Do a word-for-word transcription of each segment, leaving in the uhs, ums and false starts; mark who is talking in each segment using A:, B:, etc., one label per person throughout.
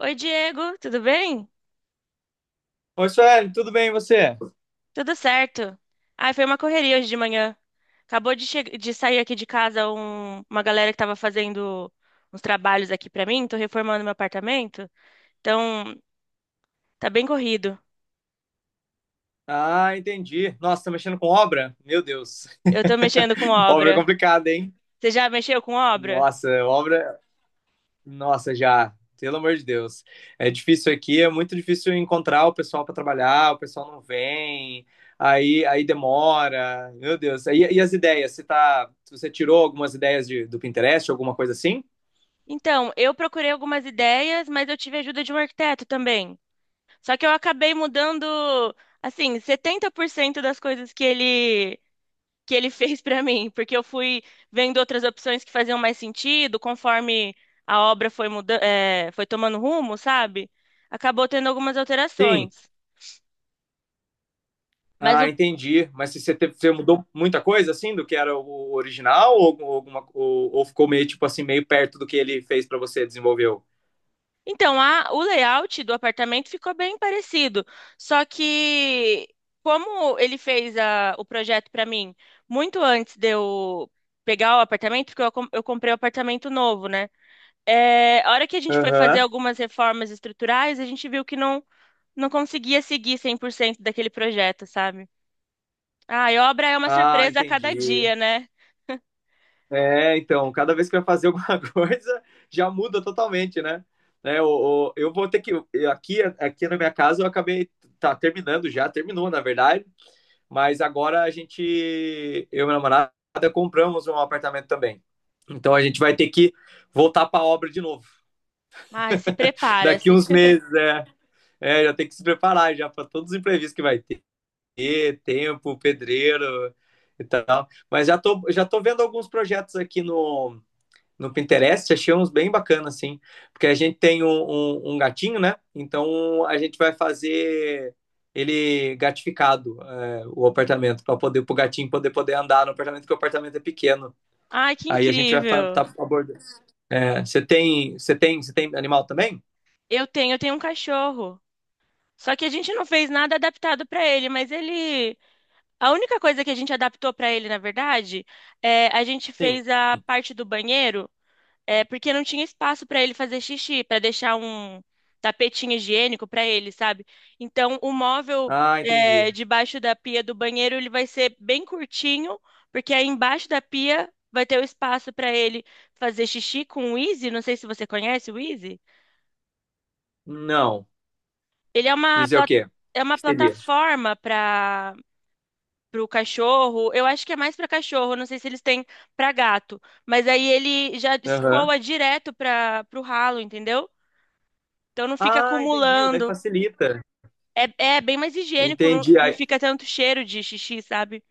A: Oi, Diego, tudo bem?
B: Oi, Sueli, tudo bem e você?
A: Tudo certo. Ai, foi uma correria hoje de manhã. Acabou de, che- de Sair aqui de casa um- uma galera que tava fazendo uns trabalhos aqui pra mim. Tô reformando meu apartamento. Então, tá bem corrido.
B: Ah, entendi. Nossa, tá mexendo com obra? Meu Deus.
A: Eu tô mexendo com
B: Obra é
A: obra.
B: complicada, hein?
A: Você já mexeu com obra?
B: Nossa, obra. Nossa, já. Pelo amor de Deus. É difícil aqui, é muito difícil encontrar o pessoal para trabalhar, o pessoal não vem, aí, aí demora. Meu Deus. E, e as ideias? Você tá... Você tirou algumas ideias de- do Pinterest, alguma coisa assim?
A: Então, eu procurei algumas ideias, mas eu tive a ajuda de um arquiteto também. Só que eu acabei mudando, assim, setenta por cento das coisas que ele que ele fez pra mim, porque eu fui vendo outras opções que faziam mais sentido, conforme a obra foi muda é, foi tomando rumo, sabe? Acabou tendo algumas
B: Sim.
A: alterações. Mas
B: Ah,
A: o
B: entendi. Mas se você, teve- você mudou muita coisa assim do que era o original ou, algum- alguma, ou, ou ficou meio tipo assim meio perto do que ele fez pra você desenvolveu?
A: Então, a, o layout do apartamento ficou bem parecido, só que como ele fez a, o projeto pra mim muito antes de eu pegar o apartamento, porque eu, com- eu comprei o apartamento novo, né? É, a hora que a gente foi fazer
B: Aham.
A: algumas reformas estruturais, a gente viu que não não conseguia seguir cem por cento daquele projeto, sabe? Ai, obra é uma
B: Ah,
A: surpresa a cada
B: entendi.
A: dia, né?
B: É, então, cada vez que vai fazer alguma coisa já muda totalmente, né? Né, o- o- eu vou ter que eu- aqui aqui na minha casa eu acabei tá terminando já, terminou na verdade, mas agora a gente eu e minha namorada compramos um apartamento também. Então a gente vai ter que voltar pra obra de novo.
A: Ai, se
B: Daqui
A: prepara-se.
B: uns meses, é. É. Já tem que se preparar já para todos os imprevistos que vai ter, tempo, pedreiro e tal. Mas já tô, já tô vendo alguns projetos aqui no, no Pinterest, achei uns bem bacanas assim. Porque a gente tem um, um, um gatinho, né? Então a gente vai fazer ele gatificado é, o apartamento para poder o gatinho poder poder andar no apartamento porque o apartamento é pequeno,
A: Ai, que
B: aí a gente vai estar
A: incrível.
B: tá abordando. É, você é, tem você tem você tem animal também?
A: Eu tenho, eu tenho um cachorro. Só que a gente não fez nada adaptado para ele, mas ele, a única coisa que a gente adaptou para ele, na verdade, é a gente
B: Sim.
A: fez a parte do banheiro. É porque não tinha espaço para ele fazer xixi, para deixar um tapetinho higiênico para ele, sabe? Então, o móvel
B: Ah, entendi.
A: é, debaixo da pia do banheiro ele vai ser bem curtinho, porque aí embaixo da pia vai ter o espaço para ele fazer xixi com o Easy. Não sei se você conhece o Easy.
B: Não.
A: Ele é uma
B: Isso é o
A: pla-
B: quê?
A: É
B: O
A: uma
B: que seria?
A: plataforma para o cachorro. Eu acho que é mais para cachorro. Não sei se eles têm para gato, mas aí ele já
B: Aham.
A: escoa direto para o ralo, entendeu? Então não fica
B: Ah, entendi. Daí
A: acumulando.
B: facilita.
A: É, é bem mais higiênico, não,
B: Entendi.
A: não
B: Ai,
A: fica tanto cheiro de xixi, sabe?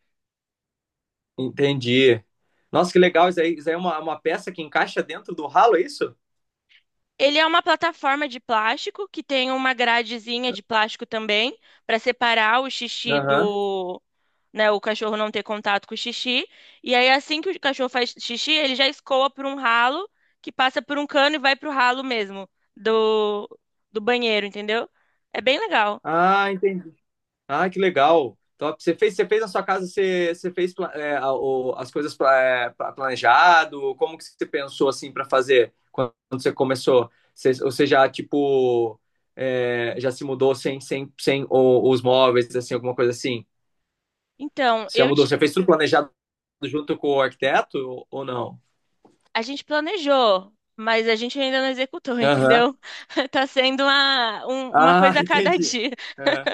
B: entendi. Nossa, que legal. Isso aí, isso aí é uma, uma peça que encaixa dentro do ralo, é isso?
A: Ele é uma plataforma de plástico que tem uma gradezinha de plástico também para separar o xixi
B: Aham.
A: do, né, o cachorro não ter contato com o xixi. E aí assim que o cachorro faz xixi, ele já escoa por um ralo que passa por um cano e vai pro ralo mesmo do do banheiro, entendeu? É bem legal.
B: Ah, entendi. Ah, que legal. Top. Você fez, você fez na sua casa, você, você fez pla- é, a- o- as coisas pla- é, pla- planejado? Como que você pensou assim para fazer quando você começou? Você, ou você já, tipo, é, já se mudou sem, sem, sem o- os móveis, assim, alguma coisa assim?
A: Então,
B: Você já
A: eu
B: mudou? Você
A: ti-
B: já fez tudo planejado junto com o arquiteto ou- não?
A: A gente planejou, mas a gente ainda não executou,
B: Aham.
A: entendeu? Tá sendo uma, um- uma
B: Ah,
A: coisa a cada
B: entendi.
A: dia.
B: Aham.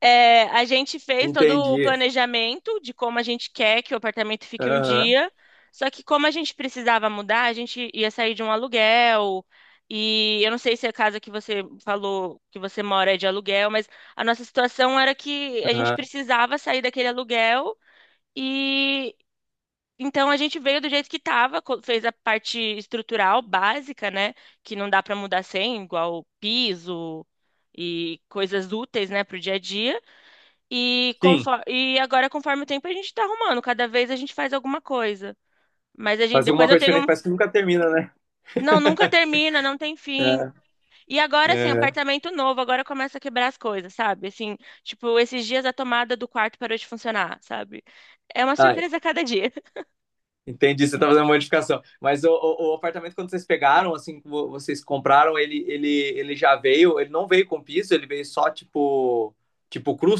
A: É, a gente fez todo o
B: Entendi.
A: planejamento de como a gente quer que o apartamento fique um
B: Aham.
A: dia, só que como a gente precisava mudar, a gente ia sair de um aluguel. E eu não sei se a casa que você falou que você mora é de aluguel, mas a nossa situação era que a gente
B: Aham.
A: precisava sair daquele aluguel e então a gente veio do jeito que estava, fez a parte estrutural básica, né? Que não dá para mudar sem, igual piso e coisas úteis, né, para o dia a dia. E,
B: Sim.
A: conforme, e agora, conforme o tempo, a gente está arrumando. Cada vez a gente faz alguma coisa. Mas a gente,
B: Faz alguma
A: depois eu
B: coisa
A: tenho.
B: diferente,
A: Um-
B: parece que nunca termina, né?
A: Não, nunca termina, não tem fim.
B: É.
A: E agora, assim,
B: É.
A: apartamento novo, agora começa a quebrar as coisas, sabe? Assim, tipo, esses dias a tomada do quarto parou de funcionar, sabe? É uma
B: Ah,
A: surpresa a cada dia.
B: entendi, você tá fazendo uma modificação. Mas o, o- o apartamento, quando vocês pegaram, assim, que vo- vocês compraram, ele, ele, ele já veio, ele não veio com piso, ele veio só, tipo, tipo cru,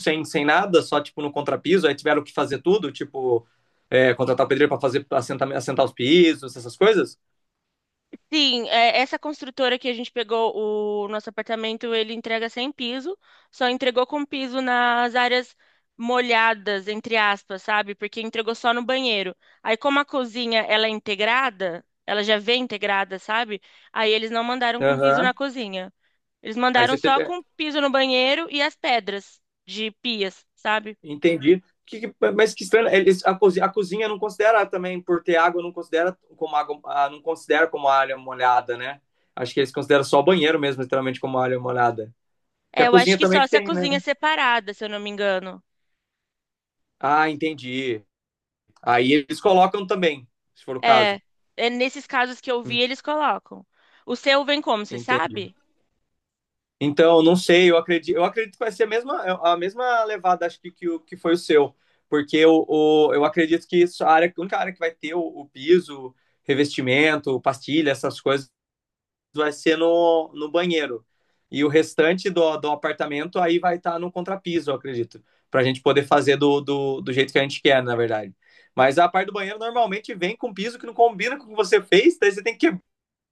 B: sem, sem, nada, só tipo no contrapiso, aí tiveram que fazer tudo, tipo, é, contratar o pedreiro para fazer pra assentar, assentar os pisos, essas coisas.
A: Sim, é, essa construtora que a gente pegou o nosso apartamento, ele entrega sem piso, só entregou com piso nas áreas molhadas, entre aspas, sabe? Porque entregou só no banheiro. Aí, como a cozinha, ela é integrada, ela já vem integrada, sabe? Aí eles não mandaram com piso
B: Aham.
A: na cozinha. Eles
B: Aí
A: mandaram
B: você
A: só
B: teve. É,
A: com piso no banheiro e as pedras de pias, sabe?
B: entendi. Que, que- mas que estranho, eles, a, cozinha, a cozinha não considera também, por ter água, não considera como água, ah, não considera como área molhada, né? Acho que eles consideram só o banheiro mesmo, literalmente, como área molhada. Que
A: É,
B: a
A: eu acho
B: cozinha
A: que
B: também
A: só
B: que
A: se a
B: tem,
A: cozinha é
B: né?
A: separada, se eu não me engano.
B: Ah, entendi. Aí eles colocam também, se for o caso.
A: É, é nesses casos que eu vi, eles colocam. O seu vem como, você
B: Entendi.
A: sabe?
B: Então, não sei, eu acredito, eu acredito que vai ser a mesma, a mesma levada, acho que, que, o- que foi o seu, porque eu o- eu acredito que isso, a área, a única área que vai ter o, o piso, revestimento, pastilha, essas coisas, vai ser no, no banheiro. E o restante do, do apartamento aí vai estar no contrapiso, eu acredito, para a gente poder fazer do, do, do jeito que a gente quer, na verdade. Mas a parte do banheiro normalmente vem com piso que não combina com o que você fez, daí você tem que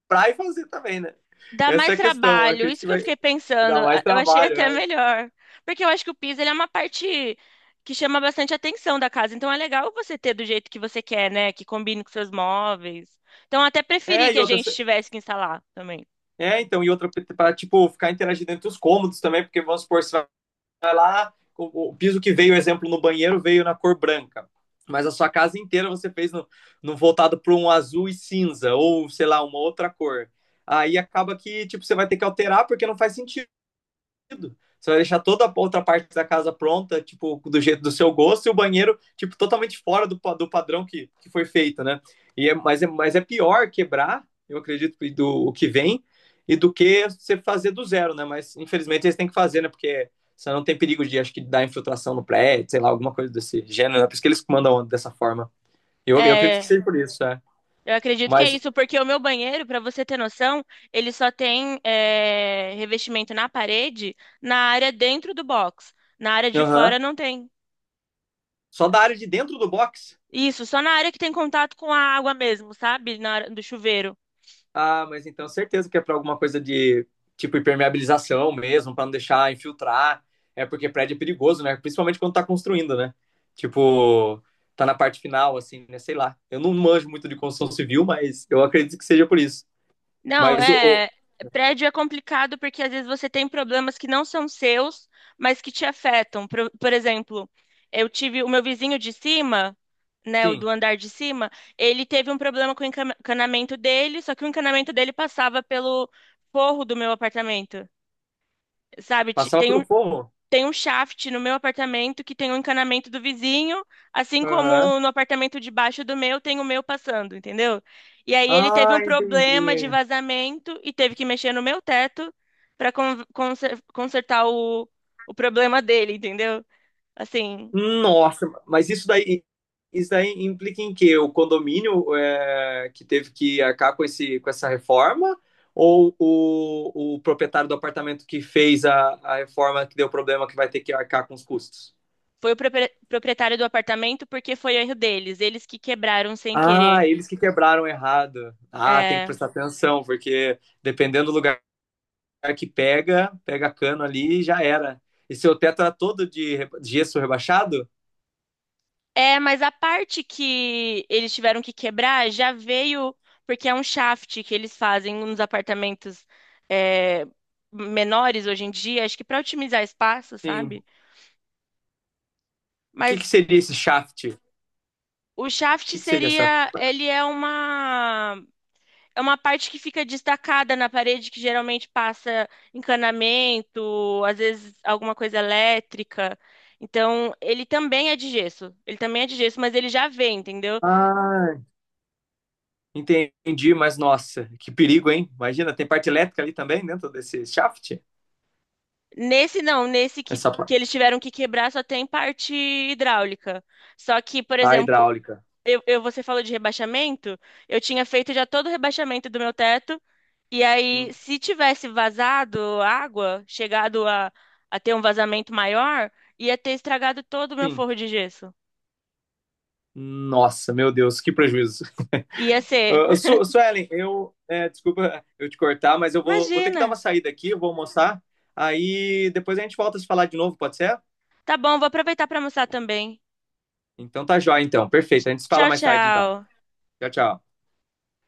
B: quebrar e fazer também, né?
A: Dá
B: Essa é
A: mais
B: a questão. Eu
A: trabalho,
B: acredito
A: isso
B: que
A: que eu
B: vai.
A: fiquei
B: Dá
A: pensando.
B: mais
A: a- Eu achei
B: trabalho,
A: até
B: né?
A: melhor. Porque eu acho que o piso, ele é uma parte que chama bastante atenção da casa. Então é legal você ter do jeito que você quer, né? Que combine com seus móveis. Então eu até preferi
B: É,
A: que
B: e
A: a
B: outra.
A: gente tivesse que instalar também.
B: É, então, e outra, para tipo, ficar interagindo entre os cômodos também, porque vamos supor, você vai lá, o, o piso que veio, exemplo, no banheiro veio na cor branca, mas a sua casa inteira você fez no, no voltado para um azul e cinza, ou sei lá, uma outra cor. Aí acaba que tipo, você vai ter que alterar porque não faz sentido. Você vai deixar toda a outra parte da casa pronta, tipo, do jeito do seu gosto, e o banheiro, tipo, totalmente fora do, do padrão que, que foi feito, né? E é, mas, é, mas é pior quebrar, eu acredito, do o que vem, e do que você fazer do zero, né? Mas infelizmente eles têm que fazer, né? Porque você não tem perigo de, acho que, dar infiltração no prédio, sei lá, alguma coisa desse gênero, né? Por isso que eles mandam dessa forma. Eu, eu acredito que
A: É,
B: seja por isso, né?
A: eu acredito que é
B: Mas,
A: isso, porque o meu banheiro, para você ter noção, ele só tem eh, revestimento na parede, na área dentro do box. Na área de
B: aham. Uhum.
A: fora não tem.
B: Só da área de dentro do box.
A: Isso, só na área que tem contato com a água mesmo, sabe? Na área do chuveiro.
B: Ah, mas então certeza que é para alguma coisa de tipo impermeabilização mesmo, para não deixar infiltrar. É porque prédio é perigoso, né? Principalmente quando tá construindo, né? Tipo, tá na parte final, assim, né? Sei lá. Eu não manjo muito de construção civil, mas eu acredito que seja por isso.
A: Não,
B: Mas o, o-
A: é. Prédio é complicado porque às vezes você tem problemas que não são seus, mas que te afetam. Por, por exemplo, eu tive o meu vizinho de cima, né, o
B: sim,
A: do andar de cima, ele teve um problema com o encan- encanamento dele, só que o encanamento dele passava pelo forro do meu apartamento. Sabe, Ti-
B: passava
A: tem
B: pelo
A: um,
B: forro.
A: tem um shaft no meu apartamento que tem o encanamento do vizinho, assim
B: Aham.
A: como no apartamento de baixo do meu tem o meu passando, entendeu? E aí ele teve
B: Ah,
A: um problema de
B: entendi.
A: vazamento e teve que mexer no meu teto para consertar o, o problema dele, entendeu? Assim,
B: Nossa, mas isso daí, isso daí implica em quê? O condomínio é, que teve que arcar com esse, com essa reforma? Ou o, o proprietário do apartamento que fez a, a reforma que deu problema que vai ter que arcar com os custos?
A: foi o propre- proprietário do apartamento porque foi erro deles, eles que quebraram sem querer.
B: Ah, eles que quebraram errado. Ah, tem que
A: É.
B: prestar atenção, porque dependendo do lugar que pega, pega cano ali e já era. E seu teto era todo de re- gesso rebaixado?
A: É, mas a parte que eles tiveram que quebrar já veio porque é um shaft que eles fazem nos apartamentos é, menores hoje em dia, acho que para otimizar espaço,
B: Sim.
A: sabe?
B: O que que
A: Mas
B: seria esse shaft? O
A: o shaft
B: que que seria essa?
A: seria, ele é uma é uma parte que fica destacada na parede que geralmente passa encanamento, às vezes alguma coisa elétrica. Então, ele também é de gesso. Ele também é de gesso, mas ele já vem, entendeu?
B: Ah, entendi, mas nossa, que perigo, hein? Imagina, tem parte elétrica ali também dentro desse shaft?
A: Nesse não, nesse que,
B: Essa
A: que
B: parte.
A: eles tiveram que quebrar só tem parte hidráulica. Só que, por
B: A
A: exemplo,
B: hidráulica.
A: eu, eu- você falou de rebaixamento, eu tinha feito já todo o rebaixamento do meu teto, e aí
B: Hum.
A: se tivesse vazado água, chegado a, a ter um vazamento maior, ia ter estragado todo o meu
B: Sim.
A: forro de gesso.
B: Nossa, meu Deus, que prejuízo.
A: Ia ser.
B: Ah, Su Suelen, eu. É, desculpa eu te cortar, mas eu vou, vou ter que dar uma
A: Imagina.
B: saída aqui, eu vou almoçar. Aí depois a gente volta a se falar de novo, pode ser?
A: Tá bom, vou aproveitar para almoçar também.
B: Então tá jóia, então. Perfeito. A gente se fala
A: Tchau,
B: mais tarde, então.
A: tchau.
B: Tchau, tchau.